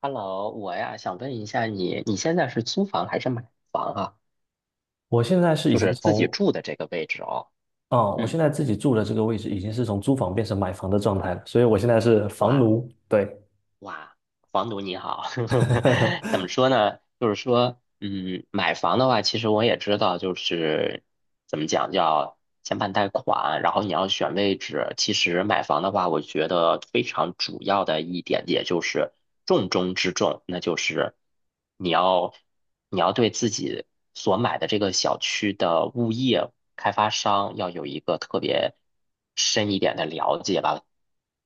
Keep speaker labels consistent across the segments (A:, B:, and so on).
A: Hello，我呀想问一下你，你现在是租房还是买房啊？
B: 我现在是已
A: 就
B: 经
A: 是自己
B: 从，
A: 住的这个位置哦。
B: 啊，我
A: 嗯，
B: 现在自己住的这个位置已经是从租房变成买房的状态了，所以我现在是房
A: 哇
B: 奴，对，
A: 哇，房奴你好，怎么 说呢？就是说，嗯，买房的话，其实我也知道，就是怎么讲，叫先办贷款，然后你要选位置。其实买房的话，我觉得非常主要的一点，也就是重中之重，那就是你要你要对自己所买的这个小区的物业开发商要有一个特别深一点的了解吧。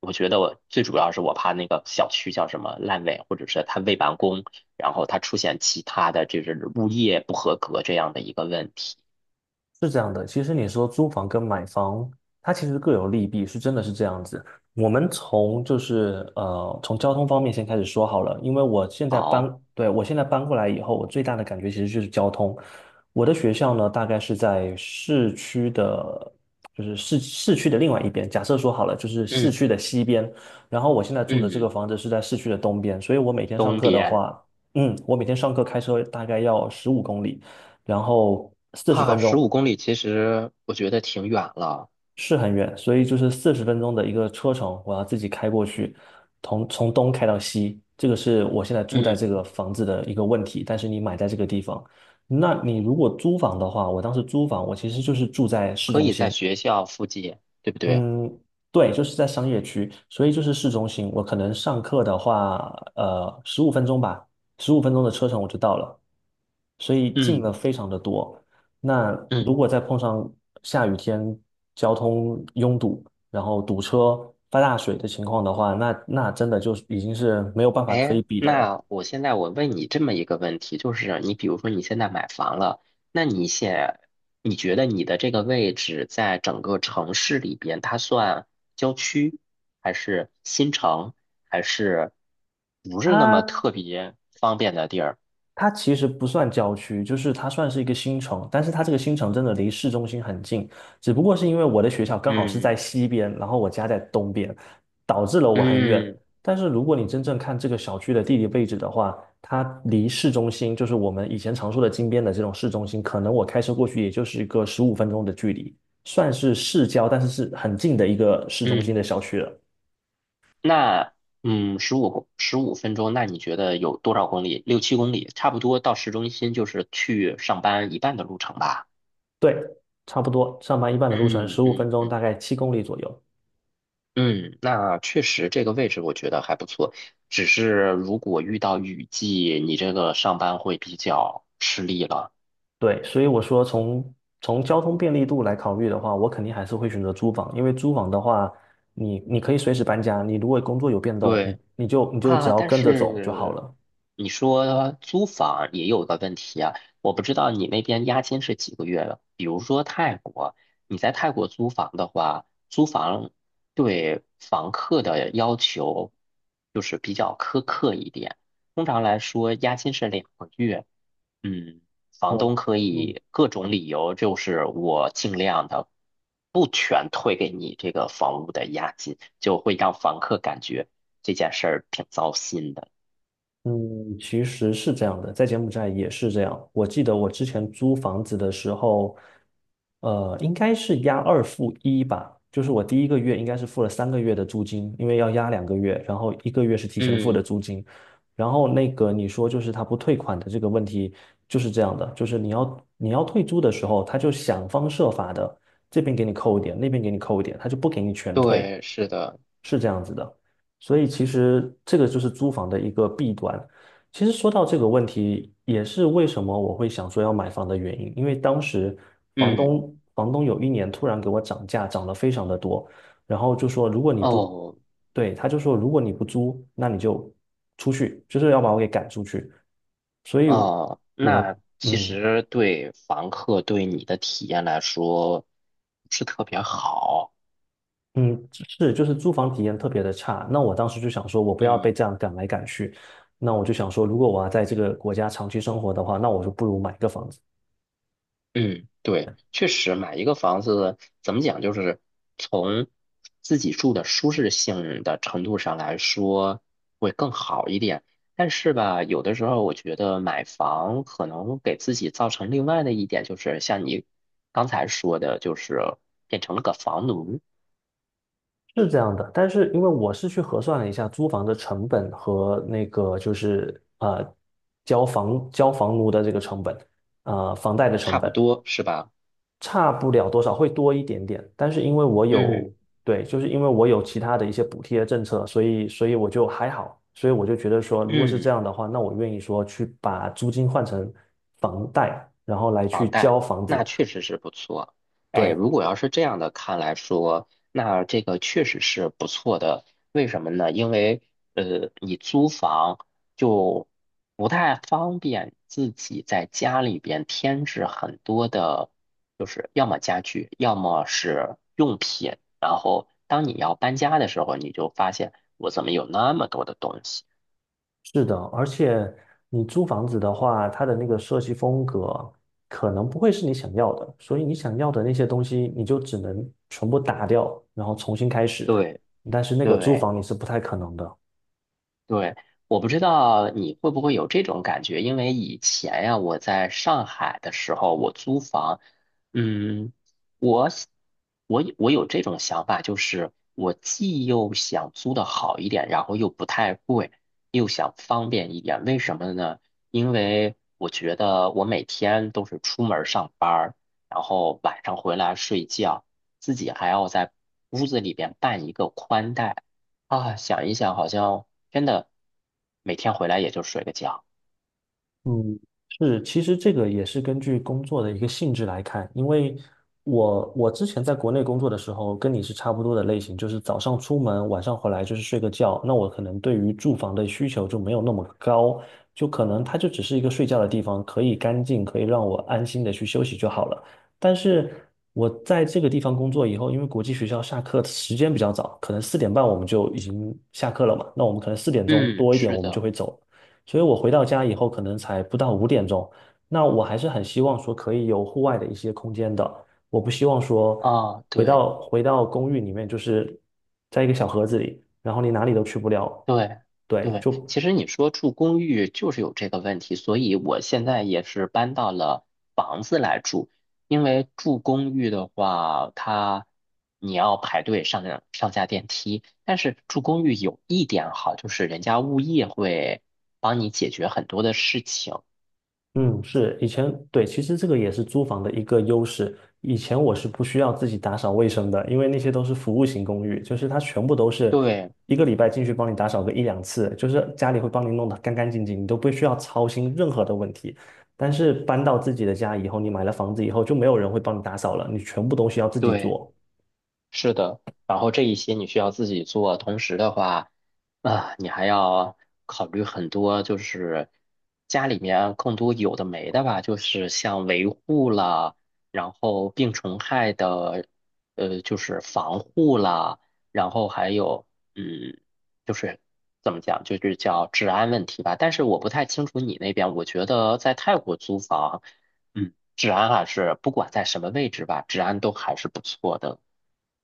A: 我觉得我最主要是我怕那个小区叫什么烂尾，或者是它未完工，然后它出现其他的就是物业不合格这样的一个问题。
B: 是这样的，其实你说租房跟买房，它其实各有利弊，是真的是这样子。我们从从交通方面先开始说好了，因为我现在搬，
A: 好，
B: 对，我现在搬过来以后，我最大的感觉其实就是交通。我的学校呢，大概是在市区的，就是市区的另外一边。假设说好了，就是市
A: 嗯
B: 区的西边，然后我现在住的这个
A: 嗯，
B: 房子是在市区的东边，所以我每天上
A: 东
B: 课的
A: 边
B: 话，嗯，我每天上课开车大概要15公里，然后四十
A: 啊，
B: 分
A: 十
B: 钟。
A: 五公里其实我觉得挺远了，
B: 是很远，所以就是四十分钟的一个车程，我要自己开过去，从东开到西，这个是我现在住在这个
A: 嗯，
B: 房子的一个问题。但是你买在这个地方，那你如果租房的话，我当时租房，我其实就是住在市
A: 可
B: 中
A: 以在
B: 心，
A: 学校附近，对不对？
B: 嗯，对，就是在商业区，所以就是市中心。我可能上课的话，十五分钟吧，十五分钟的车程我就到了，所以近了
A: 嗯
B: 非常的多。那如
A: 嗯，
B: 果再碰上下雨天，交通拥堵，然后堵车、发大水的情况的话，那真的就已经是没有办法可以
A: 哎，
B: 比的了。
A: 那我现在我问你这么一个问题，就是你比如说你现在买房了，那你现你觉得你的这个位置在整个城市里边，它算郊区，还是新城，还是不是那么
B: 它
A: 特别方便的地儿？
B: 它其实不算郊区，就是它算是一个新城，但是它这个新城真的离市中心很近，只不过是因为我的学校刚好是
A: 嗯
B: 在西边，然后我家在东边，导致了我很远。
A: 嗯
B: 但是如果你真正看这个小区的地理位置的话，它离市中心，就是我们以前常说的金边的这种市中心，可能我开车过去也就是一个十五分钟的距离，算是市郊，但是是很近的一个市中心的
A: 嗯，
B: 小区了。
A: 那嗯，十五分钟，那你觉得有多少公里？6、7公里，差不多到市中心就是去上班一半的路程吧。
B: 对，差不多，上班一半的路程，
A: 嗯
B: 十五
A: 嗯
B: 分钟，大
A: 嗯。
B: 概7公里左右。
A: 嗯，那确实这个位置我觉得还不错，只是如果遇到雨季，你这个上班会比较吃力了。
B: 对，所以我说从交通便利度来考虑的话，我肯定还是会选择租房，因为租房的话，你可以随时搬家，你如果工作有变动，
A: 对
B: 你就只
A: 啊，
B: 要
A: 但
B: 跟着走就好
A: 是
B: 了。
A: 你说租房也有个问题啊，我不知道你那边押金是几个月的。比如说泰国，你在泰国租房的话，租房对房客的要求就是比较苛刻一点，通常来说押金是2个月。嗯，房
B: 我，
A: 东可
B: 嗯，
A: 以各种理由，就是我尽量的不全退给你这个房屋的押金，就会让房客感觉这件事儿挺糟心的。
B: 嗯，其实是这样的，在柬埔寨也是这样。我记得我之前租房子的时候，呃，应该是押二付一吧，就是我第一个月应该是付了3个月的租金，因为要押2个月，然后一个月是提前付的
A: 嗯，
B: 租金。然后那个你说就是他不退款的这个问题就是这样的，就是你要退租的时候，他就想方设法的这边给你扣一点，那边给你扣一点，他就不给你全退。
A: 对，是的，
B: 是这样子的，所以其实这个就是租房的一个弊端。其实说到这个问题，也是为什么我会想说要买房的原因，因为当时
A: 嗯，
B: 房东有一年突然给我涨价，涨了非常的多，然后就说如果你不，
A: 哦，
B: 对，他就说如果你不租，那你就出去，就是要把我给赶出去。所以
A: 哦，
B: 我，
A: 那其
B: 嗯。
A: 实对房客对你的体验来说不是特别好。
B: 嗯，是，就是租房体验特别的差。那我当时就想说，我不要
A: 嗯。
B: 被这样赶来赶去。那我就想说，如果我要在这个国家长期生活的话，那我就不如买个房子，
A: 嗯，对，确实买一个房子怎么讲，就是从自己住的舒适性的程度上来说会更好一点。但是吧，有的时候我觉得买房可能给自己造成另外的一点，就是像你刚才说的，就是变成了个房奴，
B: 是这样的。但是因为我是去核算了一下租房的成本和那个交房交房奴的这个成本，呃房贷的
A: 差
B: 成
A: 不
B: 本。
A: 多是吧？
B: 差不了多少，会多一点点。但是因为我有，
A: 嗯
B: 对，就是因为我有其他的一些补贴政策，所以我就还好，所以我就觉得说，如果是这
A: 嗯。
B: 样的话，那我愿意说去把租金换成房贷，然后来去交房子。
A: 那确实是不错。哎，
B: 对，
A: 如果要是这样的看来说，那这个确实是不错的。为什么呢？因为你租房就不太方便自己在家里边添置很多的，就是要么家具，要么是用品。然后当你要搬家的时候，你就发现我怎么有那么多的东西？
B: 是的，而且你租房子的话，它的那个设计风格可能不会是你想要的，所以你想要的那些东西，你就只能全部打掉，然后重新开始。
A: 对
B: 但是那个租
A: 对。
B: 房你是不太可能的。
A: 对，我不知道你会不会有这种感觉，因为以前呀，我在上海的时候，我租房，嗯，我想我有这种想法，就是我既又想租的好一点，然后又不太贵，又想方便一点。为什么呢？因为我觉得我每天都是出门儿上班儿然后晚上回来睡觉，自己还要在屋子里边办一个宽带。啊，想一想，好像真的每天回来也就睡个觉。
B: 嗯，是，其实这个也是根据工作的一个性质来看，因为我之前在国内工作的时候，跟你是差不多的类型，就是早上出门，晚上回来就是睡个觉。那我可能对于住房的需求就没有那么高，就可能它就只是一个睡觉的地方，可以干净，可以让我安心的去休息就好了。但是我在这个地方工作以后，因为国际学校下课时间比较早，可能4点半我们就已经下课了嘛，那我们可能4点
A: 嗯，
B: 多一点
A: 是
B: 我们就
A: 的，
B: 会走。所以我回到家以后可能才不到5点。那我还是很希望说可以有户外的一些空间的，我不希望说
A: 啊，对
B: 回到公寓里面就是在一个小盒子里，然后你哪里都去不了。
A: 对
B: 对，
A: 对，
B: 就
A: 其实你说住公寓就是有这个问题，所以我现在也是搬到了房子来住，因为住公寓的话，它你要排队上下电梯，但是住公寓有一点好，就是人家物业会帮你解决很多的事情。
B: 嗯，是，以前，对，其实这个也是租房的一个优势。以前我是不需要自己打扫卫生的，因为那些都是服务型公寓，就是它全部都是
A: 对
B: 一个礼拜进去帮你打扫个一两次，就是家里会帮你弄得干干净净，你都不需要操心任何的问题。但是搬到自己的家以后，你买了房子以后，就没有人会帮你打扫了，你全部东西要自己
A: 对。
B: 做。
A: 是的，然后这一些你需要自己做，同时的话，啊，你还要考虑很多，就是家里面更多有的没的吧，就是像维护啦，然后病虫害的，就是防护啦，然后还有，嗯，就是怎么讲，就是叫治安问题吧。但是我不太清楚你那边，我觉得在泰国租房，嗯，治安还是不管在什么位置吧，治安都还是不错的。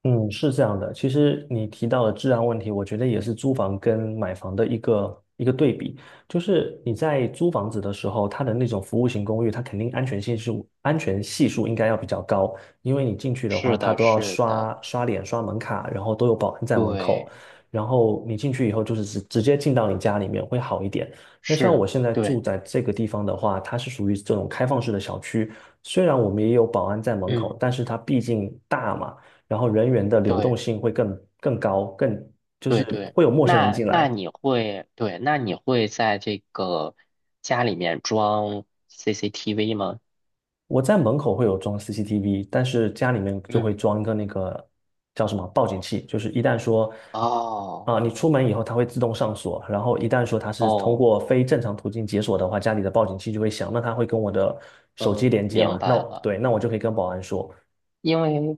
B: 嗯，是这样的。其实你提到的治安问题，我觉得也是租房跟买房的一个对比。就是你在租房子的时候，它的那种服务型公寓，它肯定安全系数应该要比较高，因为你进去的话，
A: 是
B: 它
A: 的，
B: 都要
A: 是的，
B: 刷脸、刷门卡，然后都有保安在门口，
A: 对，
B: 然后你进去以后就是直接进到你家里面会好一点。那像
A: 是，
B: 我现在住
A: 对，
B: 在这个地方的话，它是属于这种开放式的小区，虽然我们也有保安在门口，
A: 嗯，
B: 但是它毕竟大嘛。然后人员的流动
A: 对，
B: 性会更高，更就是
A: 对对。
B: 会有陌生人
A: 那
B: 进
A: 那
B: 来。
A: 你会，对，那你会在这个家里面装 CCTV 吗？
B: 我在门口会有装 CCTV，但是家里面就会
A: 嗯，
B: 装一个那个叫什么报警器，就是一旦说
A: 哦，
B: 你出门以后它会自动上锁，然后一旦说它是通
A: 哦，
B: 过非正常途径解锁的话，家里的报警器就会响，那它会跟我的手机
A: 嗯，
B: 连接
A: 明
B: 嘛？那
A: 白了。
B: 对，那我就可以跟保安说，
A: 因为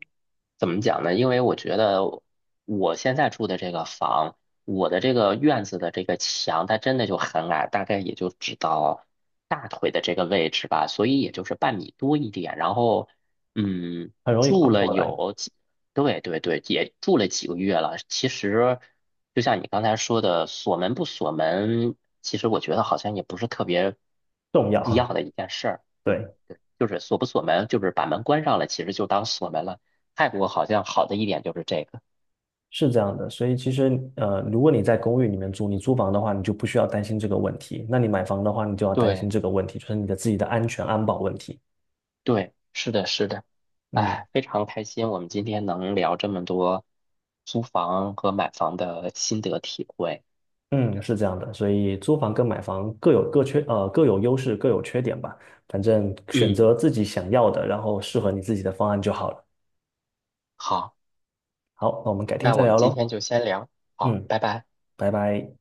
A: 怎么讲呢？因为我觉得我现在住的这个房，我的这个院子的这个墙，它真的就很矮，大概也就只到大腿的这个位置吧，所以也就是半米多一点。然后，嗯，
B: 很容易跨
A: 住了
B: 过来，
A: 有几，对对对，也住了几个月了。其实，就像你刚才说的，锁门不锁门，其实我觉得好像也不是特别
B: 重
A: 必要
B: 要，
A: 的一件事儿。
B: 对。
A: 就是锁不锁门，就是把门关上了，其实就当锁门了。泰国好像好的一点就是这个。
B: 是这样的，所以其实呃，如果你在公寓里面住，你租房的话，你就不需要担心这个问题；那你买房的话，你就要担心
A: 对
B: 这个问题，就是你的自己的安保问题。
A: 对，是的，是的。
B: 嗯
A: 哎，非常开心，我们今天能聊这么多租房和买房的心得体会。
B: 嗯，是这样的，所以租房跟买房各有各缺，呃，各有优势，各有缺点吧。反正选
A: 嗯，
B: 择自己想要的，然后适合你自己的方案就好了。
A: 好，
B: 好，那我们改天
A: 那
B: 再
A: 我们
B: 聊
A: 今天
B: 喽。
A: 就先聊，好，
B: 嗯，
A: 拜拜。
B: 拜拜。